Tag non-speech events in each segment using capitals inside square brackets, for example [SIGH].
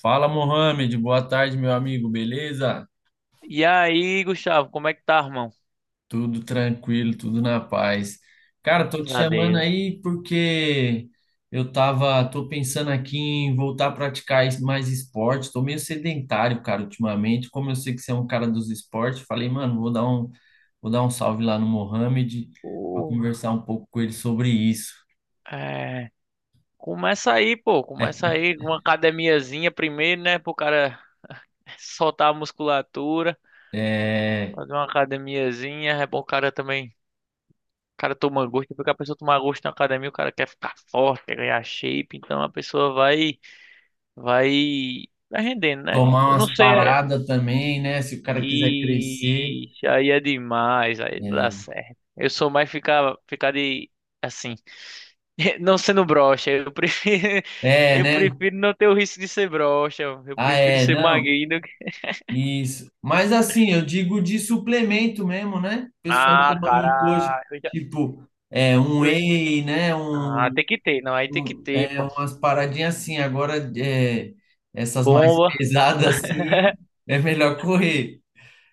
Fala, Mohamed. Boa tarde, meu amigo. Beleza? E aí, Gustavo, como é que tá, irmão? Tudo tranquilo, tudo na paz. Cara, tô Graças te a chamando Deus. aí porque tô pensando aqui em voltar a praticar mais esporte. Tô meio sedentário, cara, ultimamente. Como eu sei que você é um cara dos esportes, falei, mano, vou dar um salve lá no Mohamed para Porra, conversar um pouco com ele sobre isso. é... Começa aí, pô. Começa [LAUGHS] aí com uma academiazinha primeiro, né? Pro cara [LAUGHS] soltar a musculatura. É, Fazer uma academiazinha. É bom o cara também. O cara toma gosto. Porque a pessoa tomar gosto na academia, o cara quer ficar forte, quer ganhar shape. Então a pessoa Vai rendendo, né? tomar Eu não umas sei. paradas também, né? Se o cara quiser crescer. Ixi, aí é demais, aí não dá É, certo. Eu sou mais ficar de, assim, [LAUGHS] não sendo broxa. [LAUGHS] É, Eu né? prefiro não ter o risco de ser broxa. Eu Ah, prefiro é, ser não, magrinho do que. isso. Mas assim, eu digo de suplemento mesmo, né? O pessoal Ah, toma muito hoje, cara, tipo, um eu- whey, né? ah, tem que ter, não, aí tem que ter, pô. Umas paradinhas assim. Agora, essas mais [LAUGHS] Bomba. pesadas assim, [LAUGHS] é melhor correr.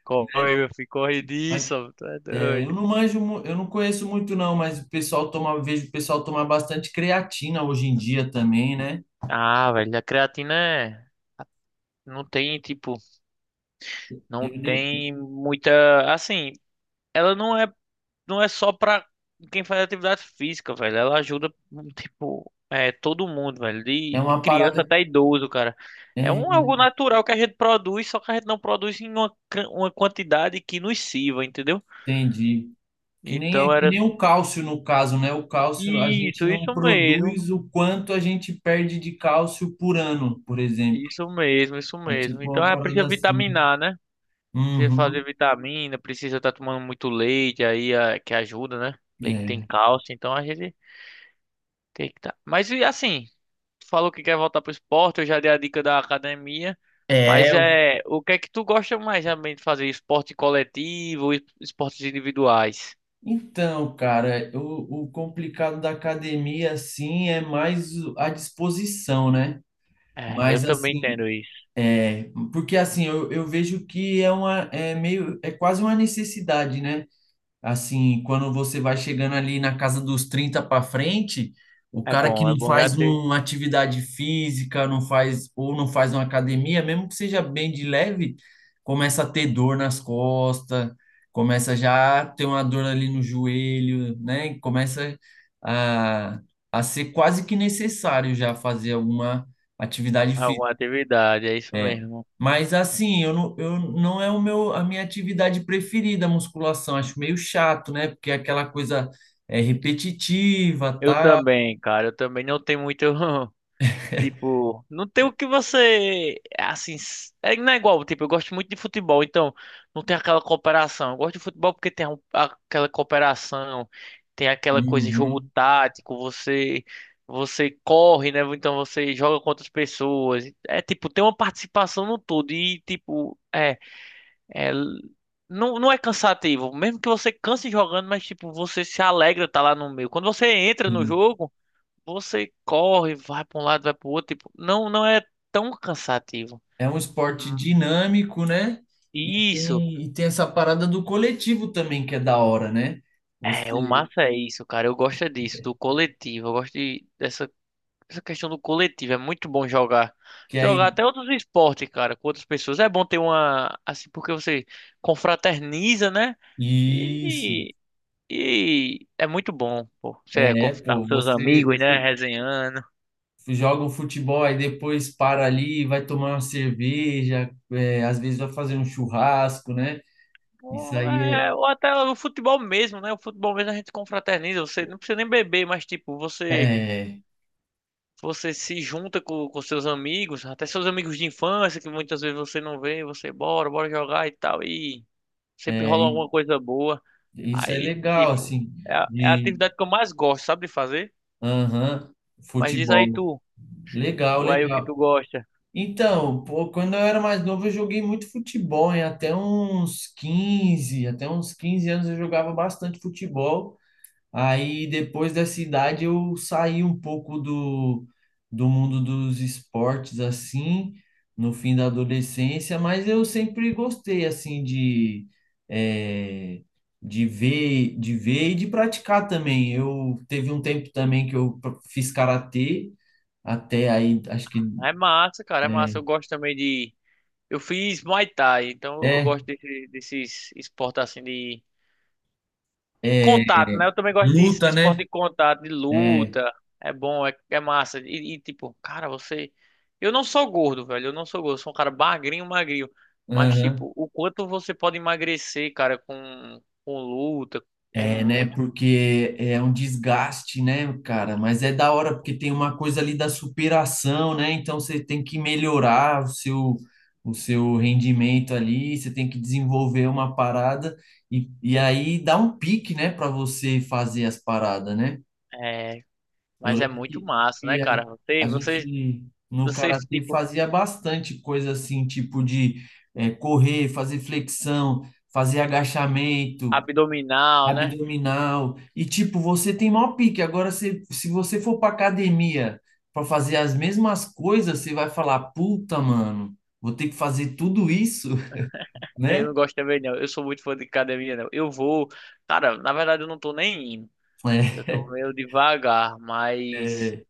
Corre, meu filho, corre Mas, disso, ó, tu é doido. eu não manjo, eu não conheço muito não, mas o pessoal toma, vejo o pessoal tomar bastante creatina hoje em dia também, né? Ah, velho, a creatina é. Tipo, não Eu nem, tem muita. Assim, ela não é só pra quem faz atividade física, velho. Ela ajuda, tipo, todo mundo, velho. De, é de uma criança parada, até idoso, cara. É é, um algo natural que a gente produz, só que a gente não produz em uma quantidade que nos sirva, entendeu? entendi. Que nem, Então que era nem o cálcio no caso, né? O cálcio, a gente isso, não isso mesmo. produz o quanto a gente perde de cálcio por ano, por exemplo. Isso mesmo, isso É mesmo. tipo Então uma é, parada precisa assim. vitaminar, né? Precisa fazer Uhum, vitamina, precisa estar tomando muito leite aí, que ajuda, né? Leite tem é. cálcio, então a gente tem que tá. Mas e assim, tu falou que quer voltar pro esporte, eu já dei a dica da academia, mas É, o- é, o que é que tu gosta mais realmente de fazer? Esporte coletivo, ou esportes individuais? Então, cara, o complicado da academia, assim, é mais a disposição, né? É, eu Mas, também assim, entendo isso. é, porque, assim, eu vejo que é uma, é meio, é quase uma necessidade, né? Assim, quando você vai chegando ali na casa dos 30 para frente, o cara que É não bom já faz ter uma atividade física, não faz ou não faz uma academia, mesmo que seja bem de leve, começa a ter dor nas costas, começa já a ter uma dor ali no joelho, né? E começa a, a ser quase que necessário já fazer alguma atividade alguma física. atividade, é isso É, mesmo. mas assim, eu não é o meu, a minha atividade preferida, a musculação. Acho meio chato, né? Porque é aquela coisa é repetitiva, Eu tá? também, cara, eu também não tenho muito. [LAUGHS] Tipo, não tem o que você. Assim, não é igual. Tipo, eu gosto muito de futebol, então não tem aquela cooperação. Eu gosto de futebol porque tem aquela cooperação, tem aquela coisa, jogo Uhum, tático, você. Você corre, né? Então você joga com outras pessoas. É tipo, tem uma participação no todo. E tipo, é não, não é cansativo. Mesmo que você canse jogando, mas tipo, você se alegra estar lá no meio. Quando você entra no sim. jogo. Você corre, vai para um lado, vai para o outro, tipo, não, não é tão cansativo. É um esporte Hum. dinâmico, né? E Isso. tem, e tem essa parada do coletivo também, que é da hora, né? É, o Você massa é isso, cara. Eu gosto é disso, do coletivo. Eu gosto dessa questão do coletivo. É muito bom jogar. que Jogar aí. até outros esportes, cara, com outras pessoas. É bom ter assim, porque você confraterniza, né? Isso. E, e é muito bom, pô. Você É, tá pô, com seus amigos, né? você Resenhando. joga um futebol e depois para ali, vai tomar uma cerveja, é, às vezes vai fazer um churrasco, né? Isso Ou, aí é, ou até o futebol mesmo, né? O futebol mesmo a gente confraterniza. Você não precisa nem beber, mas tipo, é, você é, se junta com seus amigos, até seus amigos de infância, que muitas vezes você não vê, você bora, bora jogar e tal. E sempre é, rola alguma coisa boa. isso é Aí, legal, tipo, assim, é a de, atividade que eu mais gosto, sabe, de fazer. aham, Mas diz aí futebol. tu, Legal, aí o que tu legal. gosta. Então, pô, quando eu era mais novo, eu joguei muito futebol, hein? Até uns 15 anos eu jogava bastante futebol. Aí depois dessa idade eu saí um pouco do mundo dos esportes assim, no fim da adolescência, mas eu sempre gostei assim de, eh, de ver e de praticar também. Eu teve um tempo também que eu fiz karatê, até aí acho que É massa, cara, é massa. Eu gosto também de. Eu fiz Muay Thai, então eu é, gosto desses esportes assim de é contato, né? Eu também gosto disso, de luta, né? esporte de contato, de É, luta. É bom, é massa. E, tipo, cara, você. Eu não sou gordo, velho. Eu não sou gordo. Eu sou um cara magrinho, magrinho. Mas, aham. tipo, o quanto você pode emagrecer, cara, com luta, é É, né? muito. Porque é um desgaste, né, cara? Mas é da hora, porque tem uma coisa ali da superação, né? Então você tem que melhorar o seu rendimento ali, você tem que desenvolver uma parada e aí dá um pique, né, para você fazer as paradas, né? É. Eu Mas é lembro muito que, massa, né, que cara? Você, a você, gente no você, karatê tipo, fazia bastante coisa assim, tipo de correr, fazer flexão, fazer agachamento abdominal, né? abdominal. E tipo, você tem maior pique. Agora, se você for pra academia pra fazer as mesmas coisas, você vai falar, puta, mano, vou ter que fazer tudo isso, [LAUGHS] Eu né? não gosto também, não. Eu sou muito fã de academia, não. Eu vou. Cara, na verdade, eu não tô nem indo. Eu É, tô meio devagar, mas. é.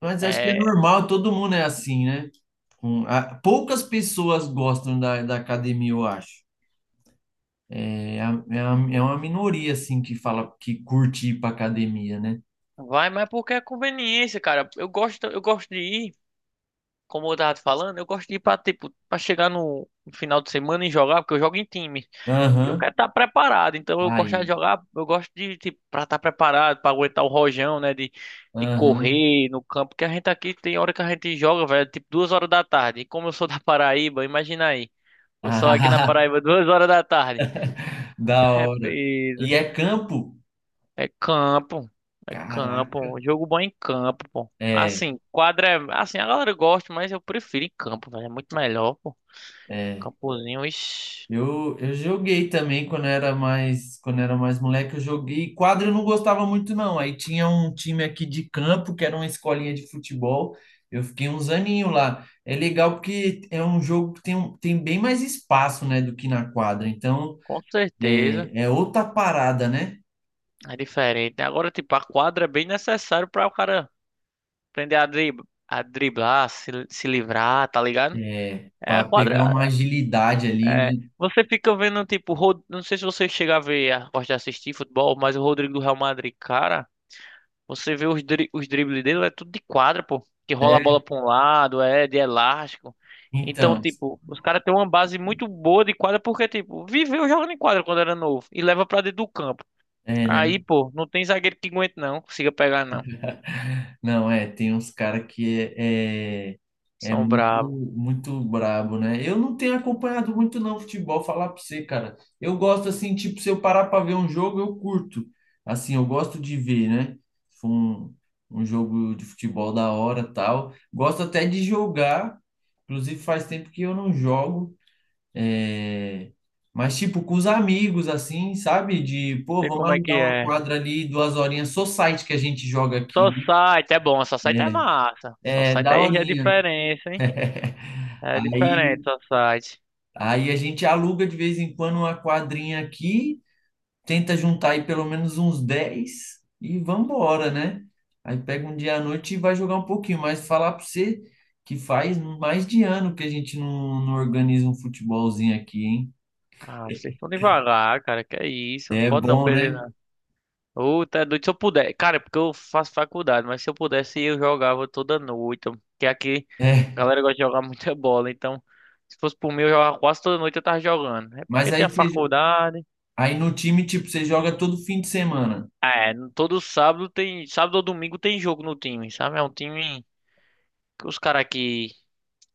Mas acho que é É, normal, todo mundo é assim, né? Poucas pessoas gostam da academia, eu acho. É, é uma minoria, assim, que fala que curte ir pra academia, né? vai, mas é porque é conveniência, cara. Eu gosto de ir, como eu tava te falando, eu gosto de ir tipo, pra chegar no final de semana e jogar, porque eu jogo em time. E eu quero Aham. estar preparado, então eu gosto de Aí. jogar, eu gosto de, tipo, pra estar preparado, pra aguentar o rojão, né, de, Aham. correr no campo, porque a gente aqui tem hora que a gente joga, velho, tipo 2 horas da tarde. E como eu sou da Paraíba, imagina aí, eu sou aqui na [LAUGHS] Paraíba 2 horas da tarde. [LAUGHS] Da [LAUGHS] É hora. peso. E é campo? É campo. É Caraca. campo. Jogo bom é em campo, pô. É, Assim, quadra é. Assim, a galera gosta, mas eu prefiro em campo, velho. É muito melhor, pô. é. Campozinho, ixi, Eu joguei também quando era mais moleque, eu joguei. Quadra eu não gostava muito, não. Aí tinha um time aqui de campo, que era uma escolinha de futebol. Eu fiquei uns aninhos lá. É legal porque é um jogo que tem, tem bem mais espaço, né, do que na quadra. Então, com certeza. É outra parada, né? É diferente. Agora, tipo, a quadra é bem necessário pra o cara aprender a a driblar, se livrar, tá ligado? É, É a para pegar quadra. uma agilidade ali, É, né? você fica vendo, tipo, não sei se você chega a ver, gosta de assistir futebol, mas o Rodrigo do Real Madrid, cara. Você vê os dribles dele, é tudo de quadra, pô. Que rola a É, bola pra um lado, é de elástico. Então, então, tipo, os caras têm uma base muito boa de quadra porque, tipo, viveu jogando em quadra quando era novo e leva pra dentro do campo. é, né? Aí, pô, não tem zagueiro que aguente, não. Consiga pegar, não. Não, é, tem uns caras que é São muito, bravos. muito brabo, né? Eu não tenho acompanhado muito não futebol, falar pra você, cara. Eu gosto assim, tipo, se eu parar pra ver um jogo, eu curto. Assim, eu gosto de ver, né? Se for Um, um jogo de futebol da hora, tal. Gosto até de jogar, inclusive faz tempo que eu não jogo. É... Mas, tipo, com os amigos, assim, sabe? De, pô, Sei vamos como é que alugar uma é. quadra ali, duas horinhas, só site que a gente joga aqui, Só né? site é bom, só site é É, massa. Só é site aí já é daorinha. diferença, hein? [LAUGHS] É diferente, Aí, só site. aí a gente aluga de vez em quando uma quadrinha aqui, tenta juntar aí pelo menos uns 10 e vambora, né? Aí pega um dia à noite e vai jogar um pouquinho, mas falar pra você que faz mais de ano que a gente não organiza um futebolzinho aqui, hein? Ah, vocês estão devagar, cara. Que é isso? Não É pode não bom, perder. né? Ô, tá doido. Se eu puder, cara, é porque eu faço faculdade, mas se eu pudesse eu jogava toda noite. Porque aqui a É. galera gosta de jogar [LAUGHS] muita bola, então se fosse por mim eu jogava quase toda noite eu tava jogando. É Mas porque aí, tem a você, faculdade. aí no time, tipo, você joga todo fim de semana. É, todo sábado tem, sábado ou domingo tem jogo no time, sabe? É um time que os caras aqui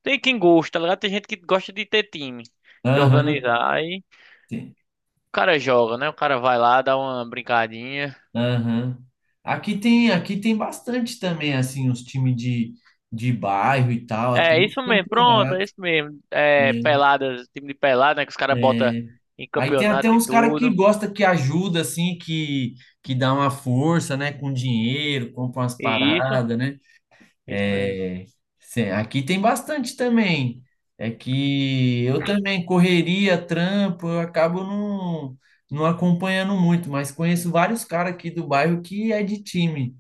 tem quem gosta, tá ligado? Tem gente que gosta de ter time, de Aham. organizar. Aí o cara joga, né? O cara vai lá, dá uma brincadinha. Aham. Aqui tem bastante também, assim, os times de bairro e tal, até É os isso mesmo, pronto, é campeonatos, isso mesmo. É, né? peladas, time de pelada, né? Que os caras botam É. em Aí tem campeonato até e uns caras que tudo. gosta que ajuda, assim, que dá uma força, né? Com dinheiro, compra umas E isso, paradas, né? isso mesmo. É, aqui tem bastante também. É que eu também correria, trampo, eu acabo não, não acompanhando muito, mas conheço vários caras aqui do bairro que é de time.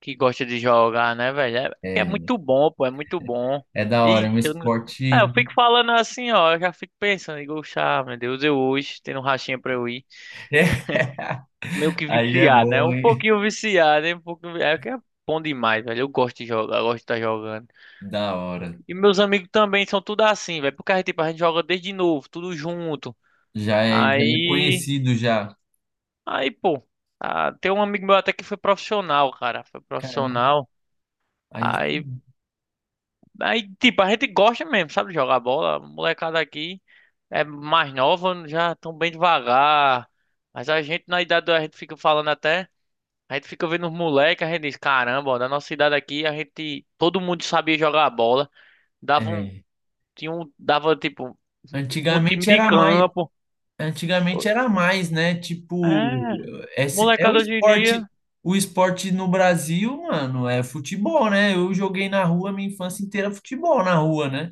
Que gosta de jogar, né, velho? É, que é É, muito bom, pô, é muito bom. é da hora, é Ixi, um eu, não- é, esporte. eu fico falando assim, ó, eu já fico pensando, digo, "Chá, meu Deus, eu hoje tendo um rachinha pra eu ir." [LAUGHS] Meio que Aí é viciado, né? bom, Um hein? pouquinho viciado, né? Um pouquinho, é que é bom demais, velho. Eu gosto de jogar, eu gosto de estar jogando. Da hora. E meus amigos também são tudo assim, velho. Porque tipo, a gente joga desde novo, tudo junto. Já é Aí, conhecido já. aí, pô, ah, tem um amigo meu até que foi profissional, cara, foi Caramba, profissional. aí Aí, sim. aí, tipo, a gente gosta mesmo, sabe, de jogar bola. A molecada aqui é mais nova, já tão bem devagar. Mas a gente, na idade, a gente fica falando até, a gente fica vendo os moleques, a gente diz, caramba, ó, da nossa idade aqui, a gente, todo mundo sabia jogar bola. Dava um, É. tinha um, dava, tipo, um time Antigamente de era mais, campo. antigamente era mais, né? Tipo, É, esse é molecada hoje em dia, o esporte no Brasil, mano, é futebol, né? Eu joguei na rua minha infância inteira futebol na rua, né?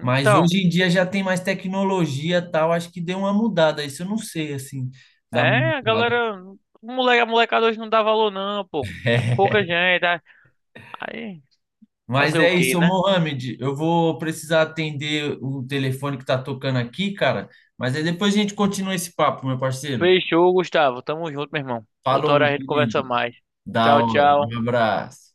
Mas hoje em dia já tem mais tecnologia, e tal, acho que deu uma mudada, isso eu não sei assim, da É, a mudada. galera. O moleque, a molecada hoje não dá valor, não, pô. É pouca [LAUGHS] gente. é- Aí, Mas fazer o é quê, isso, ô né? Mohamed. Eu vou precisar atender o telefone que tá tocando aqui, cara. Mas aí depois a gente continua esse papo, meu parceiro. Fechou, Gustavo. Tamo junto, meu irmão. Outra Falou, hora meu a gente conversa querido. mais. Da Tchau, hora. tchau. Um abraço.